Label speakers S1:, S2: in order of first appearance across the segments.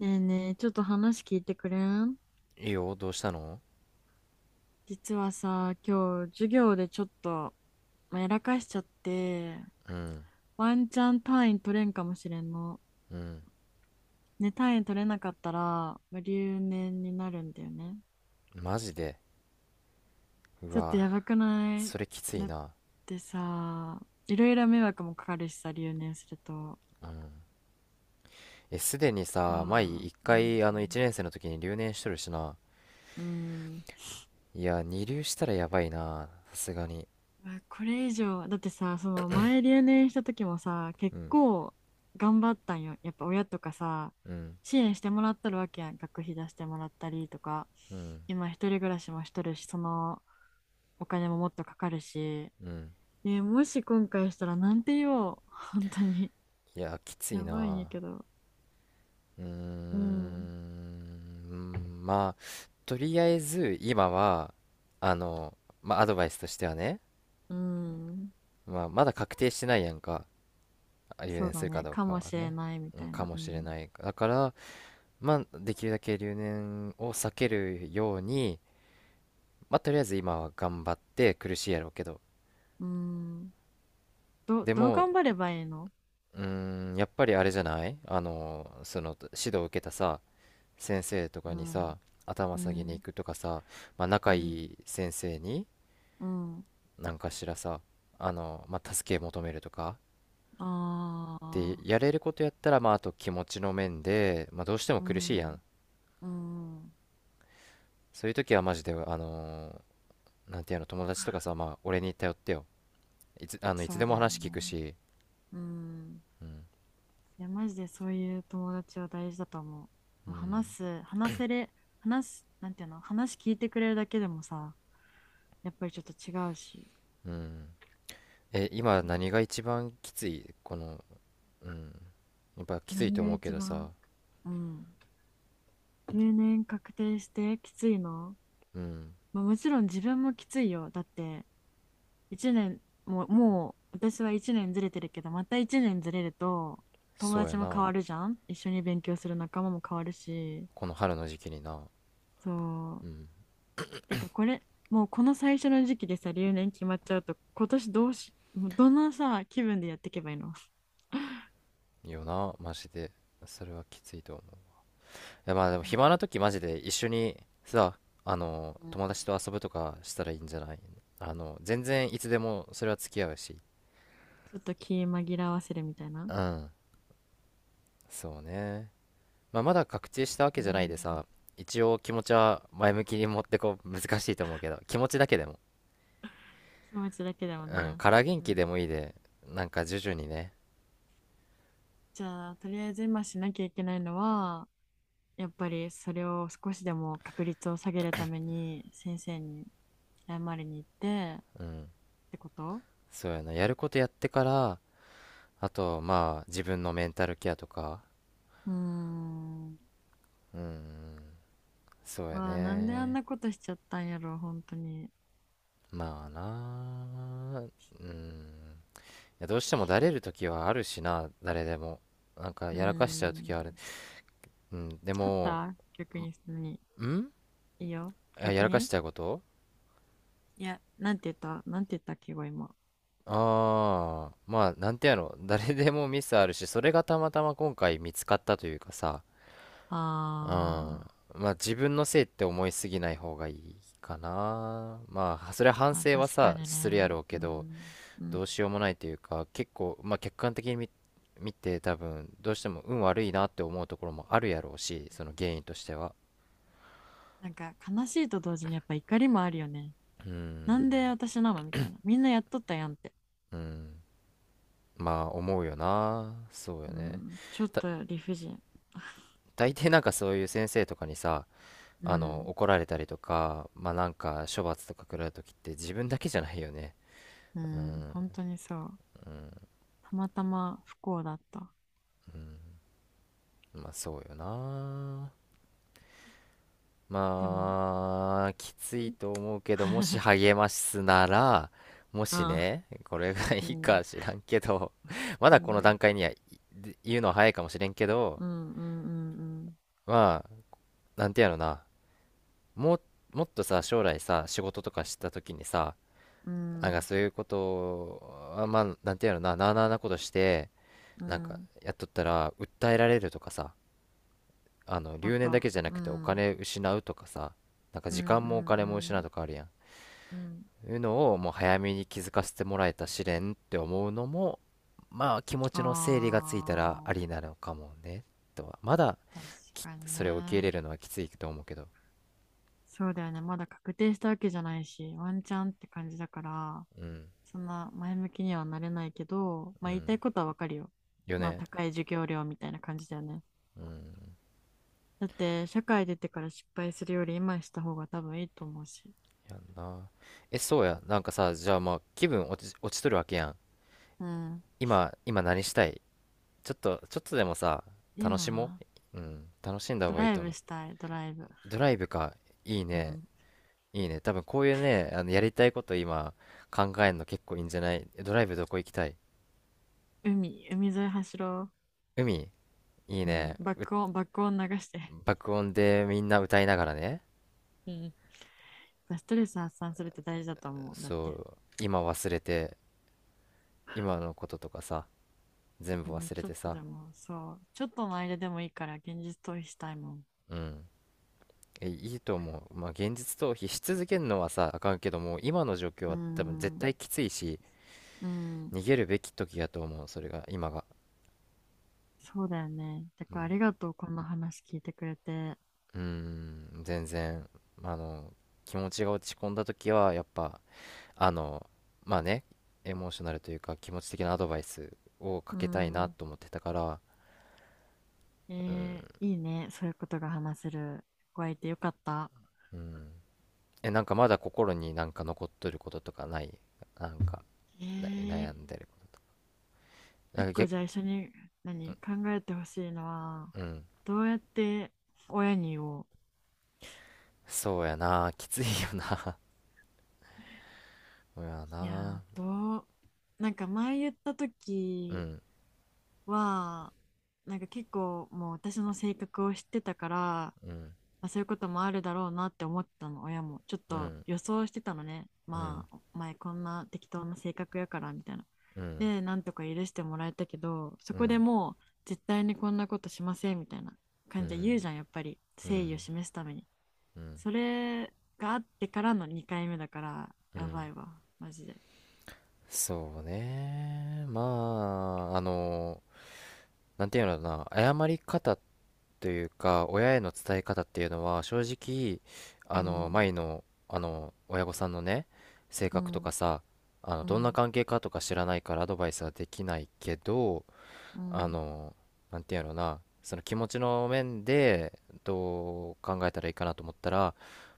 S1: ねえねえ、ちょっと話聞いてくれん？
S2: いいよ、どうしたの？
S1: 実はさ、今日授業でちょっと、まあ、やらかしちゃって、ワンチャン単位取れんかもしれんの。
S2: うん。
S1: ね、単位取れなかったら、まあ留年になるんだよね。
S2: マジで。う
S1: ちょっと
S2: わ、
S1: やばくない？
S2: それきつい
S1: だっ
S2: な。
S1: てさ、いろいろ迷惑もかかるしさ、留年すると。
S2: うん。え、すでに
S1: あ
S2: さ、前
S1: あ、
S2: 一
S1: うん、
S2: 回、一年生の時に留年しとるしな。
S1: うん。
S2: いや、二流したらやばいな。さすがに。
S1: わこれ以上、だってさ、その前留年した時もさ、
S2: う
S1: 結
S2: ん、
S1: 構頑張ったんよ。やっぱ親とかさ、
S2: うん、
S1: 支援してもらってるわけやん。学費出してもらったりとか、
S2: うん、
S1: 今一人暮らしもしとるし、そのお金ももっとかかるし、
S2: うん。
S1: ね、もし今回したらなんて言おう。本当に。
S2: いや、きつい
S1: やばいんや
S2: な。
S1: けど。
S2: うー
S1: うん。
S2: ん、まあ、とりあえず、今は、あの、まあ、アドバイスとしてはね、
S1: うん。
S2: まあ、まだ確定してないやんか。留
S1: そう
S2: 年す
S1: だ
S2: るか
S1: ね。
S2: ど
S1: か
S2: うか
S1: も
S2: は
S1: しれ
S2: ね。
S1: ないみ
S2: う
S1: た
S2: ん、
S1: い
S2: か
S1: な。
S2: も
S1: う
S2: しれ
S1: ん。
S2: ない。だから、まあ、できるだけ留年を避けるように、まあ、とりあえず今は頑張って苦しいやろうけど。
S1: うん。
S2: で
S1: どう
S2: も、
S1: 頑張ればいいの？
S2: うーん、やっぱりあれじゃない？指導を受けたさ、先生と
S1: う
S2: かに
S1: ん。
S2: さ、頭
S1: う
S2: 下げに行
S1: ん。
S2: くとかさ、まあ、
S1: う
S2: 仲い
S1: ん。
S2: い先生に、
S1: うん。
S2: なんかしらさ、まあ、助け求めるとか、
S1: あ
S2: で、
S1: あ、
S2: やれることやったら、まあ、あと気持ちの面で、まあ、どうしても
S1: う
S2: 苦しいやん。
S1: ん、うん、
S2: そういう時はマジで、なんていうの、友達とかさ、まあ、俺に頼ってよ。い
S1: そ
S2: つ
S1: う
S2: でも
S1: だよ
S2: 話聞く
S1: ね。
S2: し、
S1: うん。
S2: うん、
S1: いや、マジでそういう友達は大事だと思
S2: う
S1: う。もう話
S2: ん、
S1: す、話せれ、話す、なんていうの、話聞いてくれるだけでもさ、やっぱりちょっと違うし。
S2: うん。え、今
S1: いや、
S2: 何が一番きつい？この、うん。やっぱきつい
S1: 何
S2: と
S1: が
S2: 思うけ
S1: 一
S2: どさ、
S1: 番、うん。定年確定してきついの？
S2: うん、
S1: まあ、もちろん自分もきついよ。だって、一年、もう、もう、私は一年ずれてるけど、また一年ずれると、友
S2: そうや
S1: 達も変
S2: な。
S1: わるじゃん、一緒に勉強する仲間も変わるし、
S2: この春の時期にな、
S1: そ
S2: う
S1: う。
S2: ん、
S1: てか、これ、もうこの最初の時期でさ、留年決まっちゃうと、今年どうし、もうどのさ、気分でやっていけばいいの？
S2: よな、マジで。それはきついと思う。いや、まあでも暇な時マジで一緒にさ、
S1: うん、
S2: 友達と遊ぶとかしたらいいんじゃない？全然いつでもそれは付き合うし。
S1: ちょっと気紛らわせるみたいな。
S2: うん、そうね。まあ、まだ確定したわ
S1: う
S2: けじゃないで
S1: ん、
S2: さ、一応気持ちは前向きに持ってこう難しいと思うけど、気持ちだけでも、
S1: 気持ちだけでも
S2: うん、
S1: ね。
S2: から元
S1: う
S2: 気
S1: ん、
S2: でもいいで、なんか徐々にね、
S1: じゃあ、とりあえず今しなきゃいけないのは、やっぱりそれを少しでも確率を下げるために先生に謝りに行ってっ
S2: うん、
S1: てこと？
S2: そうやな、やることやってから、あと、まあ、自分のメンタルケアとか、
S1: うーん。
S2: うん、そうや
S1: まあ、なんであん
S2: ね、
S1: なことしちゃったんやろ、本当に。
S2: まあな、うん、いやどうしてもだれる時はあるしな、誰でも。なんか
S1: うー
S2: やらかしちゃう時はある。
S1: ん。
S2: うん、で
S1: あっ
S2: も、
S1: た逆に、何？
S2: んい
S1: いいよ。
S2: やや
S1: 逆
S2: らかし
S1: に、
S2: ちゃうこと？
S1: いや、なんて言った、なんて言ったっけ、今。
S2: ああ、まあ、なんてやろ、誰でもミスあるし、それがたまたま今回見つかったというかさ、
S1: あ
S2: うん、まあ自分のせいって思いすぎない方がいいかな。まあ、それは反
S1: ー、まあ、
S2: 省は
S1: 確か
S2: さ、
S1: に
S2: するや
S1: ね。
S2: ろう
S1: う
S2: けど、
S1: ん。う
S2: ど
S1: ん。
S2: うしようもないというか、結構、まあ客観的に見て多分、どうしても運悪いなって思うところもあるやろうし、その原因としては。
S1: なんか悲しいと同時にやっぱ怒りもあるよね。
S2: う
S1: な
S2: ん、
S1: んで私なのみたいな。みんなやっとったやんって。
S2: うん、まあ思うよな。そうよ
S1: う
S2: ね。
S1: ん、ちょっ
S2: た、
S1: と理不尽。
S2: 大抵なんかそういう先生とかにさ、
S1: うん、
S2: 怒られたりとか、まあなんか処罰とか食らう時って自分だけじゃないよね。
S1: う
S2: う
S1: ん、
S2: ん、
S1: 本当にそう。
S2: うん、
S1: たまたま不幸だった。
S2: うん。まあそうよな。
S1: でも、
S2: まあ、きつ
S1: う
S2: い
S1: ん。
S2: と思うけど、もし 励ますなら、もし
S1: あ、
S2: ね、これがい
S1: う
S2: い
S1: ん、
S2: か知らんけど、ま
S1: う
S2: だこの
S1: ん、
S2: 段階にはい言うのは早いかもしれんけど、
S1: うん、うん、うん、
S2: まあ、なんてやろな、もう、もっとさ、将来さ、仕事とかした時にさ、
S1: うん、う
S2: なんか
S1: ん、
S2: そういうことを、あまあ、なんてやろな、なあなあなことして、
S1: う
S2: なんか
S1: ん、
S2: やっとったら訴えられるとかさ、
S1: もっ
S2: 留年だ
S1: と、
S2: けじゃな
S1: うん、う
S2: くてお
S1: ん、
S2: 金失うとかさ、なんか
S1: う
S2: 時間もお金も失う
S1: ん、
S2: とかあるやん、
S1: うん、うん。
S2: いうのをもう早めに気づかせてもらえた試練って思うのも、まあ気持ちの整理がついたら
S1: あ
S2: ありなのかもね。とはまだ、
S1: あ、確かにね。
S2: それを受け入れるのはきついと思うけど。
S1: そうだよね。まだ確定したわけじゃないし、ワンチャンって感じだから、
S2: うん。
S1: そんな前向きにはなれないけど、
S2: う
S1: まあ、言い
S2: ん、
S1: たいことはわかるよ。
S2: よ
S1: まあ、
S2: ね。
S1: 高い授業料みたいな感じだよね。
S2: うん。
S1: だって、社会出てから失敗するより今した方が多分いいと思うし。
S2: やんな。えそうやな。んかさ、じゃあまあ気分落ちとるわけやん。
S1: うん。
S2: 今何したい？ちょっとでもさ、楽しも
S1: 今、
S2: う。うん、楽しんだ方
S1: ド
S2: がいい
S1: ライ
S2: と
S1: ブ
S2: 思う。
S1: したい、ドライブ。
S2: ドライブか、いい
S1: う
S2: ね、
S1: ん。
S2: いいね。多分こういうね、やりたいこと今考えるの結構いいんじゃない？ドライブどこ行きたい？
S1: 海、海沿い走ろ
S2: 海、いい
S1: う。うん。
S2: ね。
S1: 爆音、爆音流して。
S2: 爆音でみんな歌いながらね。
S1: うん。ストレス発散するって大事だと思う。だっ
S2: そ
S1: て。
S2: う、今忘れて、今のこととかさ、全
S1: う
S2: 部
S1: ん、
S2: 忘れ
S1: ちょっ
S2: て
S1: と
S2: さ。
S1: でも、そう。ちょっとの間でもいいから現実逃避したいもん。
S2: うん。え、いいと思う。まあ、現実逃避し続けるのはさ、あかんけども、今の状況
S1: う
S2: は多分絶
S1: ん。
S2: 対きついし、
S1: う
S2: 逃
S1: ん。
S2: げるべき時やと思う、それが、今が。
S1: そうだよね。だ
S2: う
S1: から
S2: ん、
S1: ありがとう、こんな話聞いてくれて。
S2: うーん全然、あの、気持ちが落ち込んだ時は、やっぱ、あの、まあね、エモーショナルというか、気持ち的なアドバイスをか
S1: う
S2: けたいな
S1: ん。
S2: と思ってたから、
S1: え
S2: うん、
S1: ー、いいね。そういうことが話せる子がいてよかった。
S2: うん。え、なんかまだ心になんか残っとることとかない？なんか、
S1: えー、
S2: 悩んでることとか。なん
S1: 一
S2: か
S1: 個
S2: 逆、
S1: じゃあ一緒に何考えてほしいのは、
S2: うん。
S1: どうやって親に言おう。
S2: そうやな、きついよな。そうや
S1: いやー、
S2: な。
S1: どう、なんか前言った
S2: う
S1: 時
S2: ん、
S1: は、なんか結構もう私の性格を知ってたから、
S2: うん、
S1: まあ、そういうこともあるだろうなって思ったの、親も。ちょっ
S2: う
S1: と
S2: ん、
S1: 予想してたのね。
S2: うん、
S1: まあ、お前こんな適当な性格やからみたいな。
S2: うん、
S1: で、なんとか許してもらえたけど、そ
S2: う
S1: こで
S2: ん、
S1: もう絶対にこんなことしませんみたいな
S2: う
S1: 感じで
S2: ん、
S1: 言うじゃん、やっぱり。
S2: う
S1: 誠意を
S2: ん、
S1: 示すために。
S2: うん、
S1: それがあってからの2回目だから、
S2: う
S1: や
S2: ん。
S1: ばいわ、マジで。
S2: そうね。まあ、なんていうのかな、謝り方というか、親への伝え方っていうのは、正直、
S1: うん、
S2: 前の、親御さんのね、性
S1: う
S2: 格とか
S1: ん、
S2: さ、
S1: う
S2: どんな
S1: ん、
S2: 関係かとか知らないからアドバイスはできないけど、
S1: う
S2: あ
S1: ん、
S2: のなんていうんやろうな、その気持ちの面でどう考えたらいいかなと思ったら、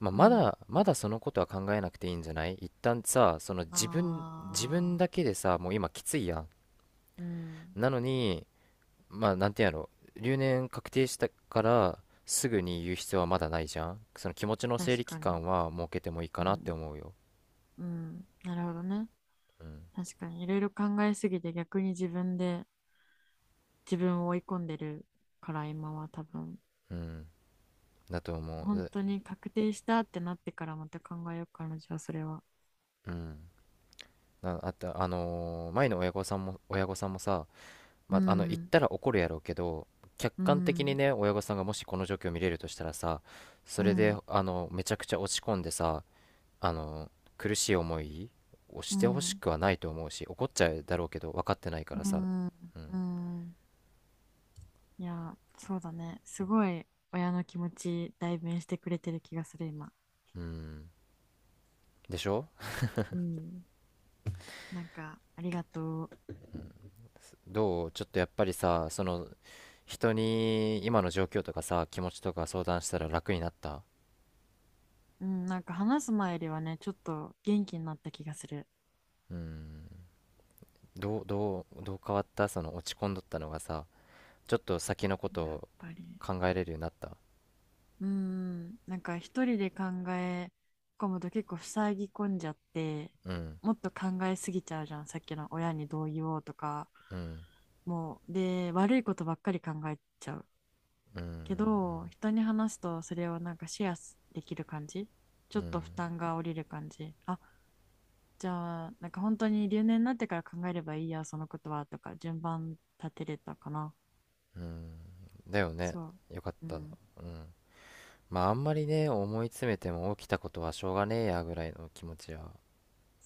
S2: まあ、
S1: う
S2: ま
S1: ん。
S2: だまだそのことは考えなくていいんじゃない？一旦さ、その
S1: あ
S2: 自分
S1: あ、
S2: だけでさ、もう今きついやん。
S1: うん、
S2: なのに、まあなんていうんやろ、留年確定したからすぐに言う必要はまだないじゃん。その気持ちの整
S1: 確
S2: 理期
S1: かに。
S2: 間は設けてもいい
S1: う
S2: かなって
S1: ん、
S2: 思うよ。
S1: うん、なるほどね。
S2: うん、
S1: 確かにいろいろ考えすぎて逆に自分で自分を追い込んでるから、今は多分
S2: うん、だと思う。
S1: 本
S2: う
S1: 当に確定したってなってからまた考えようかな、じゃあそれは。
S2: うん、なあと、前の親御さんもさ、
S1: う
S2: まあ、言っ
S1: ん、
S2: たら怒るやろうけど、客
S1: う
S2: 観的に
S1: ん、
S2: ね、親御さんがもしこの状況を見れるとしたらさ、そ
S1: う
S2: れで
S1: ん、
S2: めちゃくちゃ落ち込んでさ、あの苦しい思いを
S1: う
S2: してほし
S1: ん、
S2: くはないと思うし、怒っちゃうだろうけど分かってないか
S1: う
S2: らさ。
S1: ん、
S2: うん、
S1: うん、いやそうだね、すごい親の気持ち代弁してくれてる気がする今。
S2: うん、でしょ？
S1: うん、なんかありがとう。
S2: どう、ちょっとやっぱりさ、その人に今の状況とかさ、気持ちとか相談したら楽になった？
S1: うん、なんか話す前よりはね、ちょっと元気になった気がする。
S2: うん。どう変わった？その落ち込んどったのがさ、ちょっと先のこと
S1: やっ
S2: を
S1: ぱり
S2: 考えれるようになった？
S1: うん、なんか一人でえ込むと結構塞ぎ込んじゃって、
S2: うん、
S1: もっと考えすぎちゃうじゃん、さっきの親にどう言おうとか、
S2: うん、
S1: もうで悪いことばっかり考えちゃう、
S2: う
S1: け
S2: ん、
S1: ど人に話すとそれをなんかシェアできる感じ、ち
S2: う
S1: ょっと負
S2: ん、
S1: 担が下りる感じ、あ、じゃあなんか本当に留年になってから考えればいいや、そのことはとか、順番立てれたかな。
S2: うん、だよね。
S1: そ
S2: よかっ
S1: う、う
S2: た。うん。
S1: ん、
S2: まああんまりね、思い詰めても起きたことはしょうがねえやぐらいの気持ちは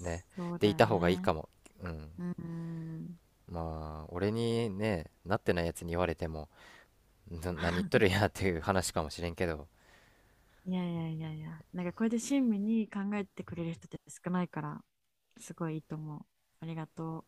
S2: ね、
S1: そう
S2: で
S1: だ
S2: い
S1: よ
S2: た方がいい
S1: ね。
S2: かも。うん。
S1: うん、
S2: まあ俺にね、なってないやつに言われてもな、何言っとるやっていう話かもしれんけど
S1: いやいやいやいや、なんかこれで親身に考えてくれる人って少ないから、すごいいいと思う。ありがとう。